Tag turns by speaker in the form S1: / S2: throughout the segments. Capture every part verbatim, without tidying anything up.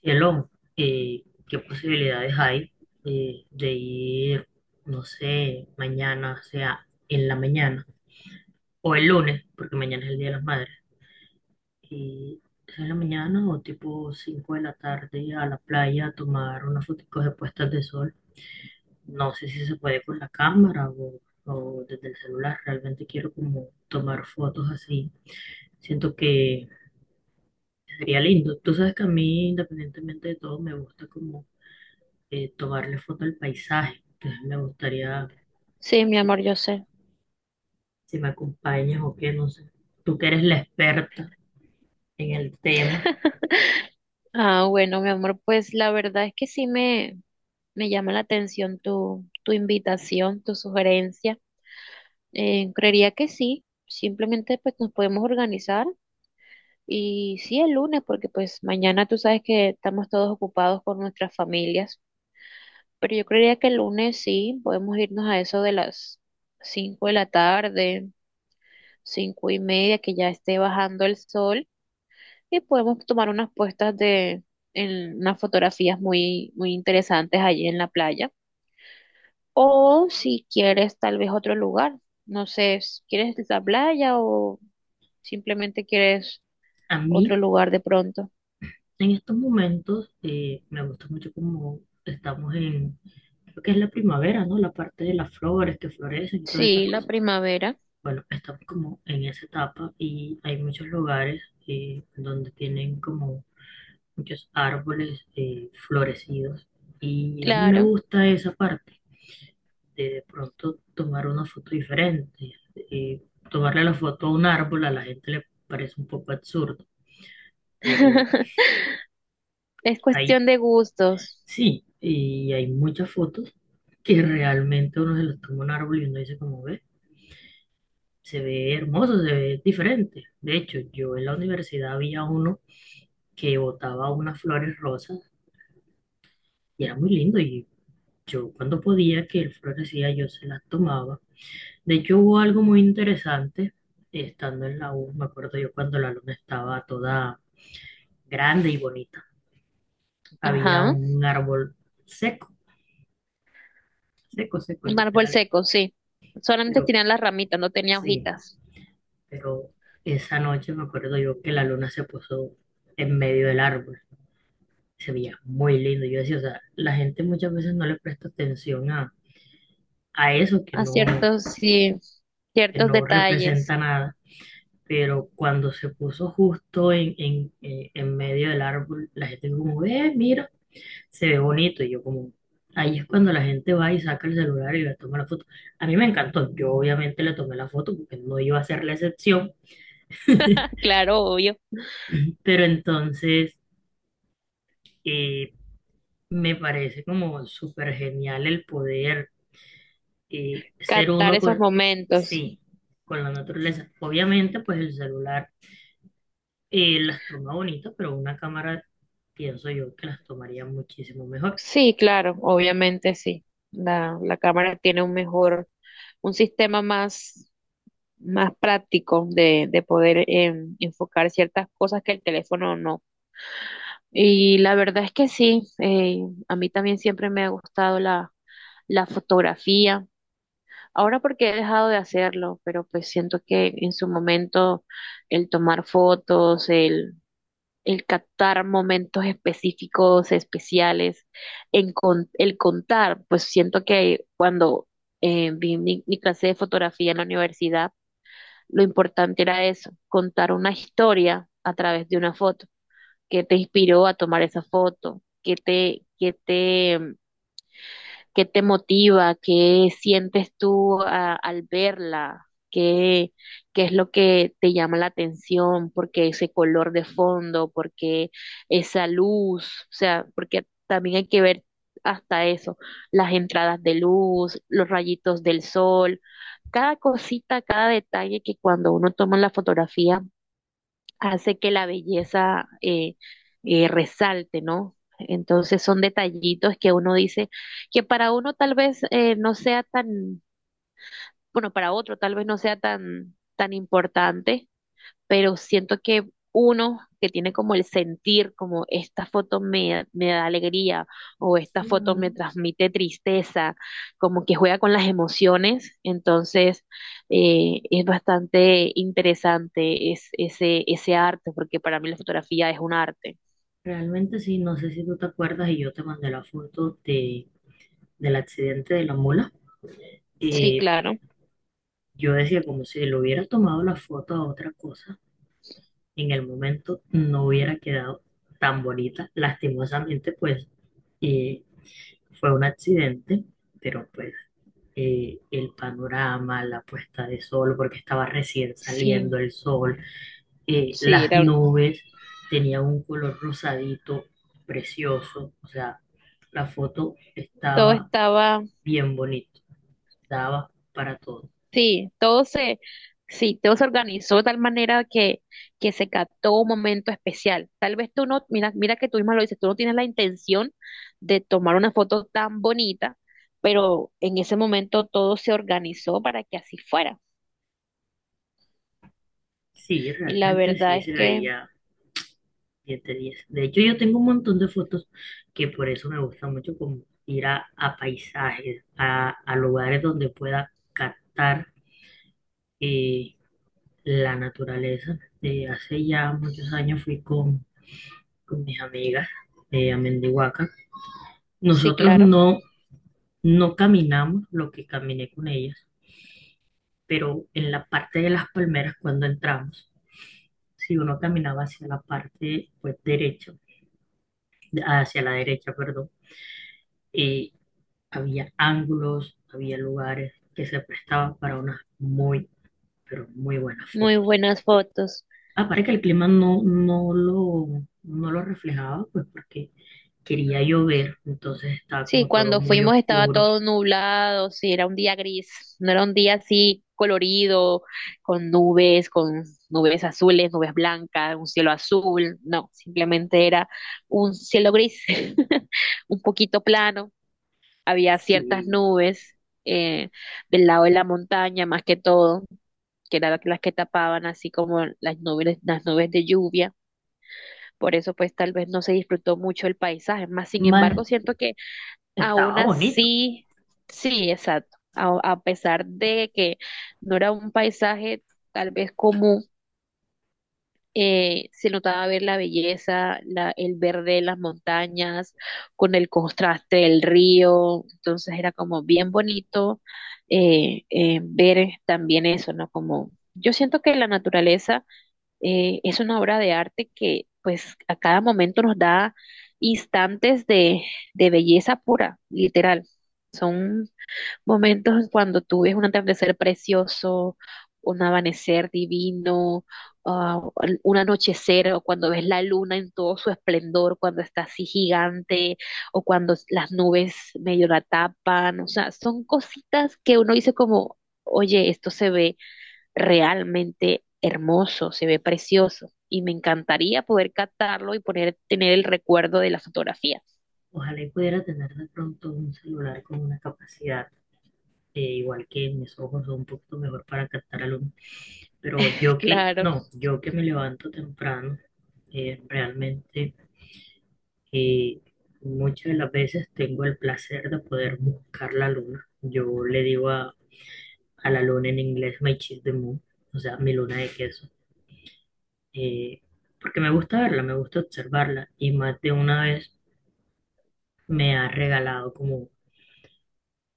S1: Cielo, eh, ¿qué posibilidades hay eh, de ir, no sé, mañana, o sea, en la mañana o el lunes, porque mañana es el Día de las Madres, y sea, en la mañana o tipo cinco de la tarde a la playa a tomar unas fotos de puestas de sol? No sé si se puede con la cámara o, o desde el celular, realmente quiero como tomar fotos así. Siento que sería lindo. Tú sabes que a mí, independientemente de todo, me gusta como eh, tomarle foto al paisaje. Entonces me gustaría,
S2: Sí, mi
S1: si,
S2: amor, yo sé.
S1: si me acompañas o qué, no sé. Tú que eres la experta en el tema.
S2: Ah, bueno, mi amor, pues la verdad es que sí me, me llama la atención tu, tu invitación, tu sugerencia. Eh, creería que sí, simplemente pues nos podemos organizar y sí el lunes, porque pues mañana tú sabes que estamos todos ocupados con nuestras familias, pero yo creería que el lunes sí, podemos irnos a eso de las cinco de la tarde, cinco y media, que ya esté bajando el sol y podemos tomar unas puestas de en unas fotografías muy, muy interesantes allí en la playa. O si quieres tal vez otro lugar, no sé, si ¿quieres la playa o simplemente quieres
S1: A
S2: otro
S1: mí,
S2: lugar de pronto?
S1: en estos momentos, eh, me gusta mucho como estamos en, creo que es la primavera, ¿no? La parte de las flores que florecen y todas esas
S2: Sí, la
S1: cosas.
S2: primavera,
S1: Bueno, estamos como en esa etapa y hay muchos lugares eh, donde tienen como muchos árboles eh, florecidos y a mí me
S2: claro.
S1: gusta esa parte. de, de pronto tomar una foto diferente. Eh, Tomarle la foto a un árbol a la gente le parece un poco absurdo, pero
S2: Es
S1: hay,
S2: cuestión de gustos.
S1: sí, y hay muchas fotos que realmente uno se los toma a un árbol y uno dice como ve, se ve hermoso, se ve diferente. De hecho, yo en la universidad había uno que botaba unas flores rosas y era muy lindo y yo cuando podía que el florecía yo se las tomaba. De hecho, hubo algo muy interesante estando en la U. Me acuerdo yo cuando la luna estaba toda grande y bonita. Había
S2: Ajá.
S1: un árbol seco, seco, seco,
S2: Un árbol
S1: literal.
S2: seco, sí. Solamente
S1: Pero
S2: tenían las ramitas, no tenía
S1: sí,
S2: hojitas.
S1: pero esa noche me acuerdo yo que la luna se puso en medio del árbol. Se veía muy lindo. Yo decía, o sea, la gente muchas veces no le presta atención a, a eso que
S2: A
S1: no,
S2: ciertos, sí,
S1: que
S2: ciertos
S1: no
S2: detalles.
S1: representa nada, pero cuando se puso justo en, en, eh, en medio del árbol, la gente como, eh, mira, se ve bonito. Y yo como, ahí es cuando la gente va y saca el celular y le toma la foto. A mí me encantó, yo obviamente le tomé la foto porque no iba a ser la excepción,
S2: Claro, obvio.
S1: pero entonces eh, me parece como súper genial el poder eh, ser
S2: Captar
S1: uno
S2: esos
S1: con,
S2: momentos.
S1: sí, con la naturaleza. Obviamente, pues el celular Eh, las toma bonitas, pero una cámara pienso yo que las tomaría muchísimo mejor.
S2: Sí, claro, obviamente sí. La, la cámara tiene un mejor, un sistema más, más práctico de, de poder eh, enfocar ciertas cosas que el teléfono no. Y la verdad es que sí, eh, a mí también siempre me ha gustado la, la fotografía. Ahora porque he dejado de hacerlo, pero pues siento que en su momento el tomar fotos, el captar momentos específicos, especiales, en con- el contar, pues siento que cuando eh, vi mi, mi clase de fotografía en la universidad, lo importante era eso, contar una historia a través de una foto, que te inspiró a tomar esa foto, que te, que te ¿Qué te motiva? ¿Qué sientes tú a- al verla? ¿Qué, qué es lo que te llama la atención? ¿Por qué ese color de fondo? ¿Por qué esa luz? O sea, porque también hay que ver hasta eso, las entradas de luz, los rayitos del sol, cada cosita, cada detalle que cuando uno toma la fotografía hace que la belleza eh, eh, resalte, ¿no? Entonces son detallitos que uno dice que para uno tal vez eh, no sea tan, bueno, para otro tal vez no sea tan, tan importante pero siento que uno que tiene como el sentir, como esta foto me, me da alegría o esta foto me
S1: Claro.
S2: transmite tristeza, como que juega con las emociones, entonces eh, es bastante interesante es- ese, ese arte, porque para mí la fotografía es un arte.
S1: Realmente sí, no sé si tú te acuerdas y yo te mandé la foto de, del accidente de la mula.
S2: Sí,
S1: Eh,
S2: claro.
S1: yo decía como si le hubiera tomado la foto a otra cosa, en el momento no hubiera quedado tan bonita. Lastimosamente, pues eh, fue un accidente, pero pues eh, el panorama, la puesta de sol, porque estaba recién
S2: Sí.
S1: saliendo el sol, eh,
S2: Sí,
S1: las
S2: era un-
S1: nubes tenían un color rosadito precioso, o sea, la foto
S2: todo
S1: estaba
S2: estaba.
S1: bien bonita, daba para todo.
S2: Sí, todo se, sí, todo se organizó de tal manera que, que se captó un momento especial. Tal vez tú no, mira, mira que tú misma lo dices, tú no tienes la intención de tomar una foto tan bonita, pero en ese momento todo se organizó para que así fuera.
S1: Sí,
S2: Y la
S1: realmente
S2: verdad
S1: sí
S2: es
S1: se
S2: que,
S1: veía diez de diez. De hecho, yo tengo un montón de fotos que por eso me gusta mucho como ir a, a paisajes, a, a lugares donde pueda captar eh, la naturaleza. Eh, hace ya muchos años fui con, con mis amigas eh, a Mendihuaca.
S2: sí,
S1: Nosotros
S2: claro,
S1: no, no caminamos lo que caminé con ellas, pero en la parte de las palmeras cuando entramos, si uno caminaba hacia la parte pues derecha, hacia la derecha, perdón, eh, había ángulos, había lugares que se prestaban para unas muy, pero muy buenas
S2: muy
S1: fotos.
S2: buenas fotos.
S1: Aparte que el clima no, no lo, no lo reflejaba, pues porque quería llover, entonces estaba
S2: Sí,
S1: como todo
S2: cuando
S1: muy
S2: fuimos estaba
S1: oscuro.
S2: todo nublado, sí, era un día gris, no era un día así colorido, con nubes, con nubes azules, nubes blancas, un cielo azul, no, simplemente era un cielo gris, un poquito plano, había ciertas
S1: Sí.
S2: nubes eh, del lado de la montaña más que todo, que eran las que tapaban así como las nubes, las nubes de lluvia, por eso pues tal vez no se disfrutó mucho el paisaje, más sin
S1: Más,
S2: embargo siento. Aún
S1: estaba bonito.
S2: así, sí, exacto. A, a pesar de que no era un paisaje tal vez común, eh, se notaba ver la belleza, la, el verde de las montañas, con el contraste del río. Entonces era como bien bonito eh, eh, ver también eso, ¿no? Como yo siento que la naturaleza eh, es una obra de arte que pues a cada momento nos da instantes de, de belleza pura, literal. Son momentos cuando tú ves un atardecer precioso, un amanecer divino, ah, un anochecer, o cuando ves la luna en todo su esplendor, cuando está así gigante, o cuando las nubes medio la tapan. O sea, son cositas que uno dice como, oye, esto se ve realmente hermoso, se ve precioso y me encantaría poder captarlo y poner, tener el recuerdo de las fotografías.
S1: Ojalá y pudiera tener de pronto un celular con una capacidad, eh, igual que mis ojos son un poquito mejor para captar a luz, pero yo que,
S2: Claro,
S1: no, yo que me levanto temprano, eh, realmente eh, muchas de las veces tengo el placer de poder buscar la luna. Yo le digo a, a la luna en inglés, my cheese the moon, o sea, mi luna de queso, eh, porque me gusta verla, me gusta observarla y más de una vez me ha regalado como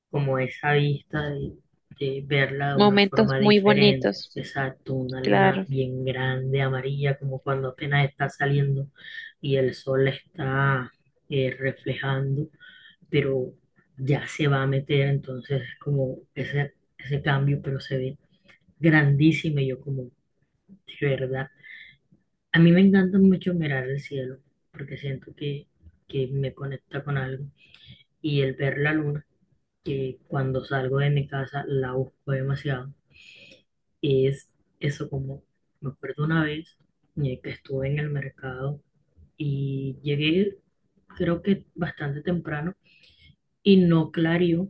S1: como esa vista de, de verla de una
S2: momentos
S1: forma
S2: muy
S1: diferente.
S2: bonitos,
S1: Exacto, una luna
S2: claro,
S1: bien grande, amarilla, como cuando apenas está saliendo y el sol la está eh, reflejando, pero ya se va a meter, entonces es como ese, ese cambio, pero se ve grandísimo y yo como, de verdad. A mí me encanta mucho mirar el cielo, porque siento que, que me conecta con algo. Y el ver la luna que cuando salgo de mi casa la busco demasiado. Y es eso como, me acuerdo una vez eh, que estuve en el mercado y llegué creo que bastante temprano y no clarió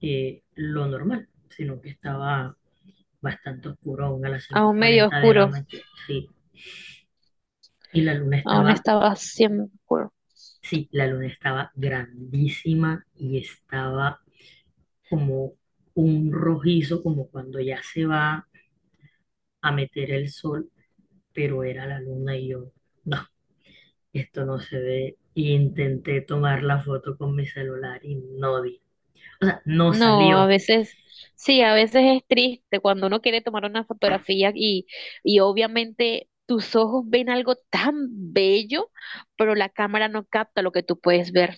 S1: eh, lo normal, sino que estaba bastante oscuro aún a las cinco
S2: aún
S1: y
S2: medio
S1: cuarenta de la
S2: oscuro,
S1: mañana. Sí, y la luna
S2: aún
S1: estaba,
S2: estaba siempre oscuro.
S1: sí, la luna estaba grandísima y estaba como un rojizo, como cuando ya se va a meter el sol, pero era la luna y yo, no, esto no se ve. Y intenté tomar la foto con mi celular y no di. O sea, no
S2: No, a
S1: salió.
S2: veces, sí, a veces es triste cuando uno quiere tomar una fotografía y, y obviamente tus ojos ven algo tan bello, pero la cámara no capta lo que tú puedes ver,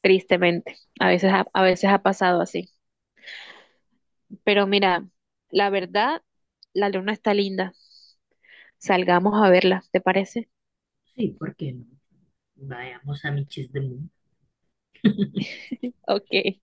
S2: tristemente. A veces, ha- a veces ha pasado así. Pero mira, la verdad, la luna está linda. Salgamos a verla, ¿te parece?
S1: Sí, ¿por qué no? Vayamos a Michis de Mundo.
S2: Ok.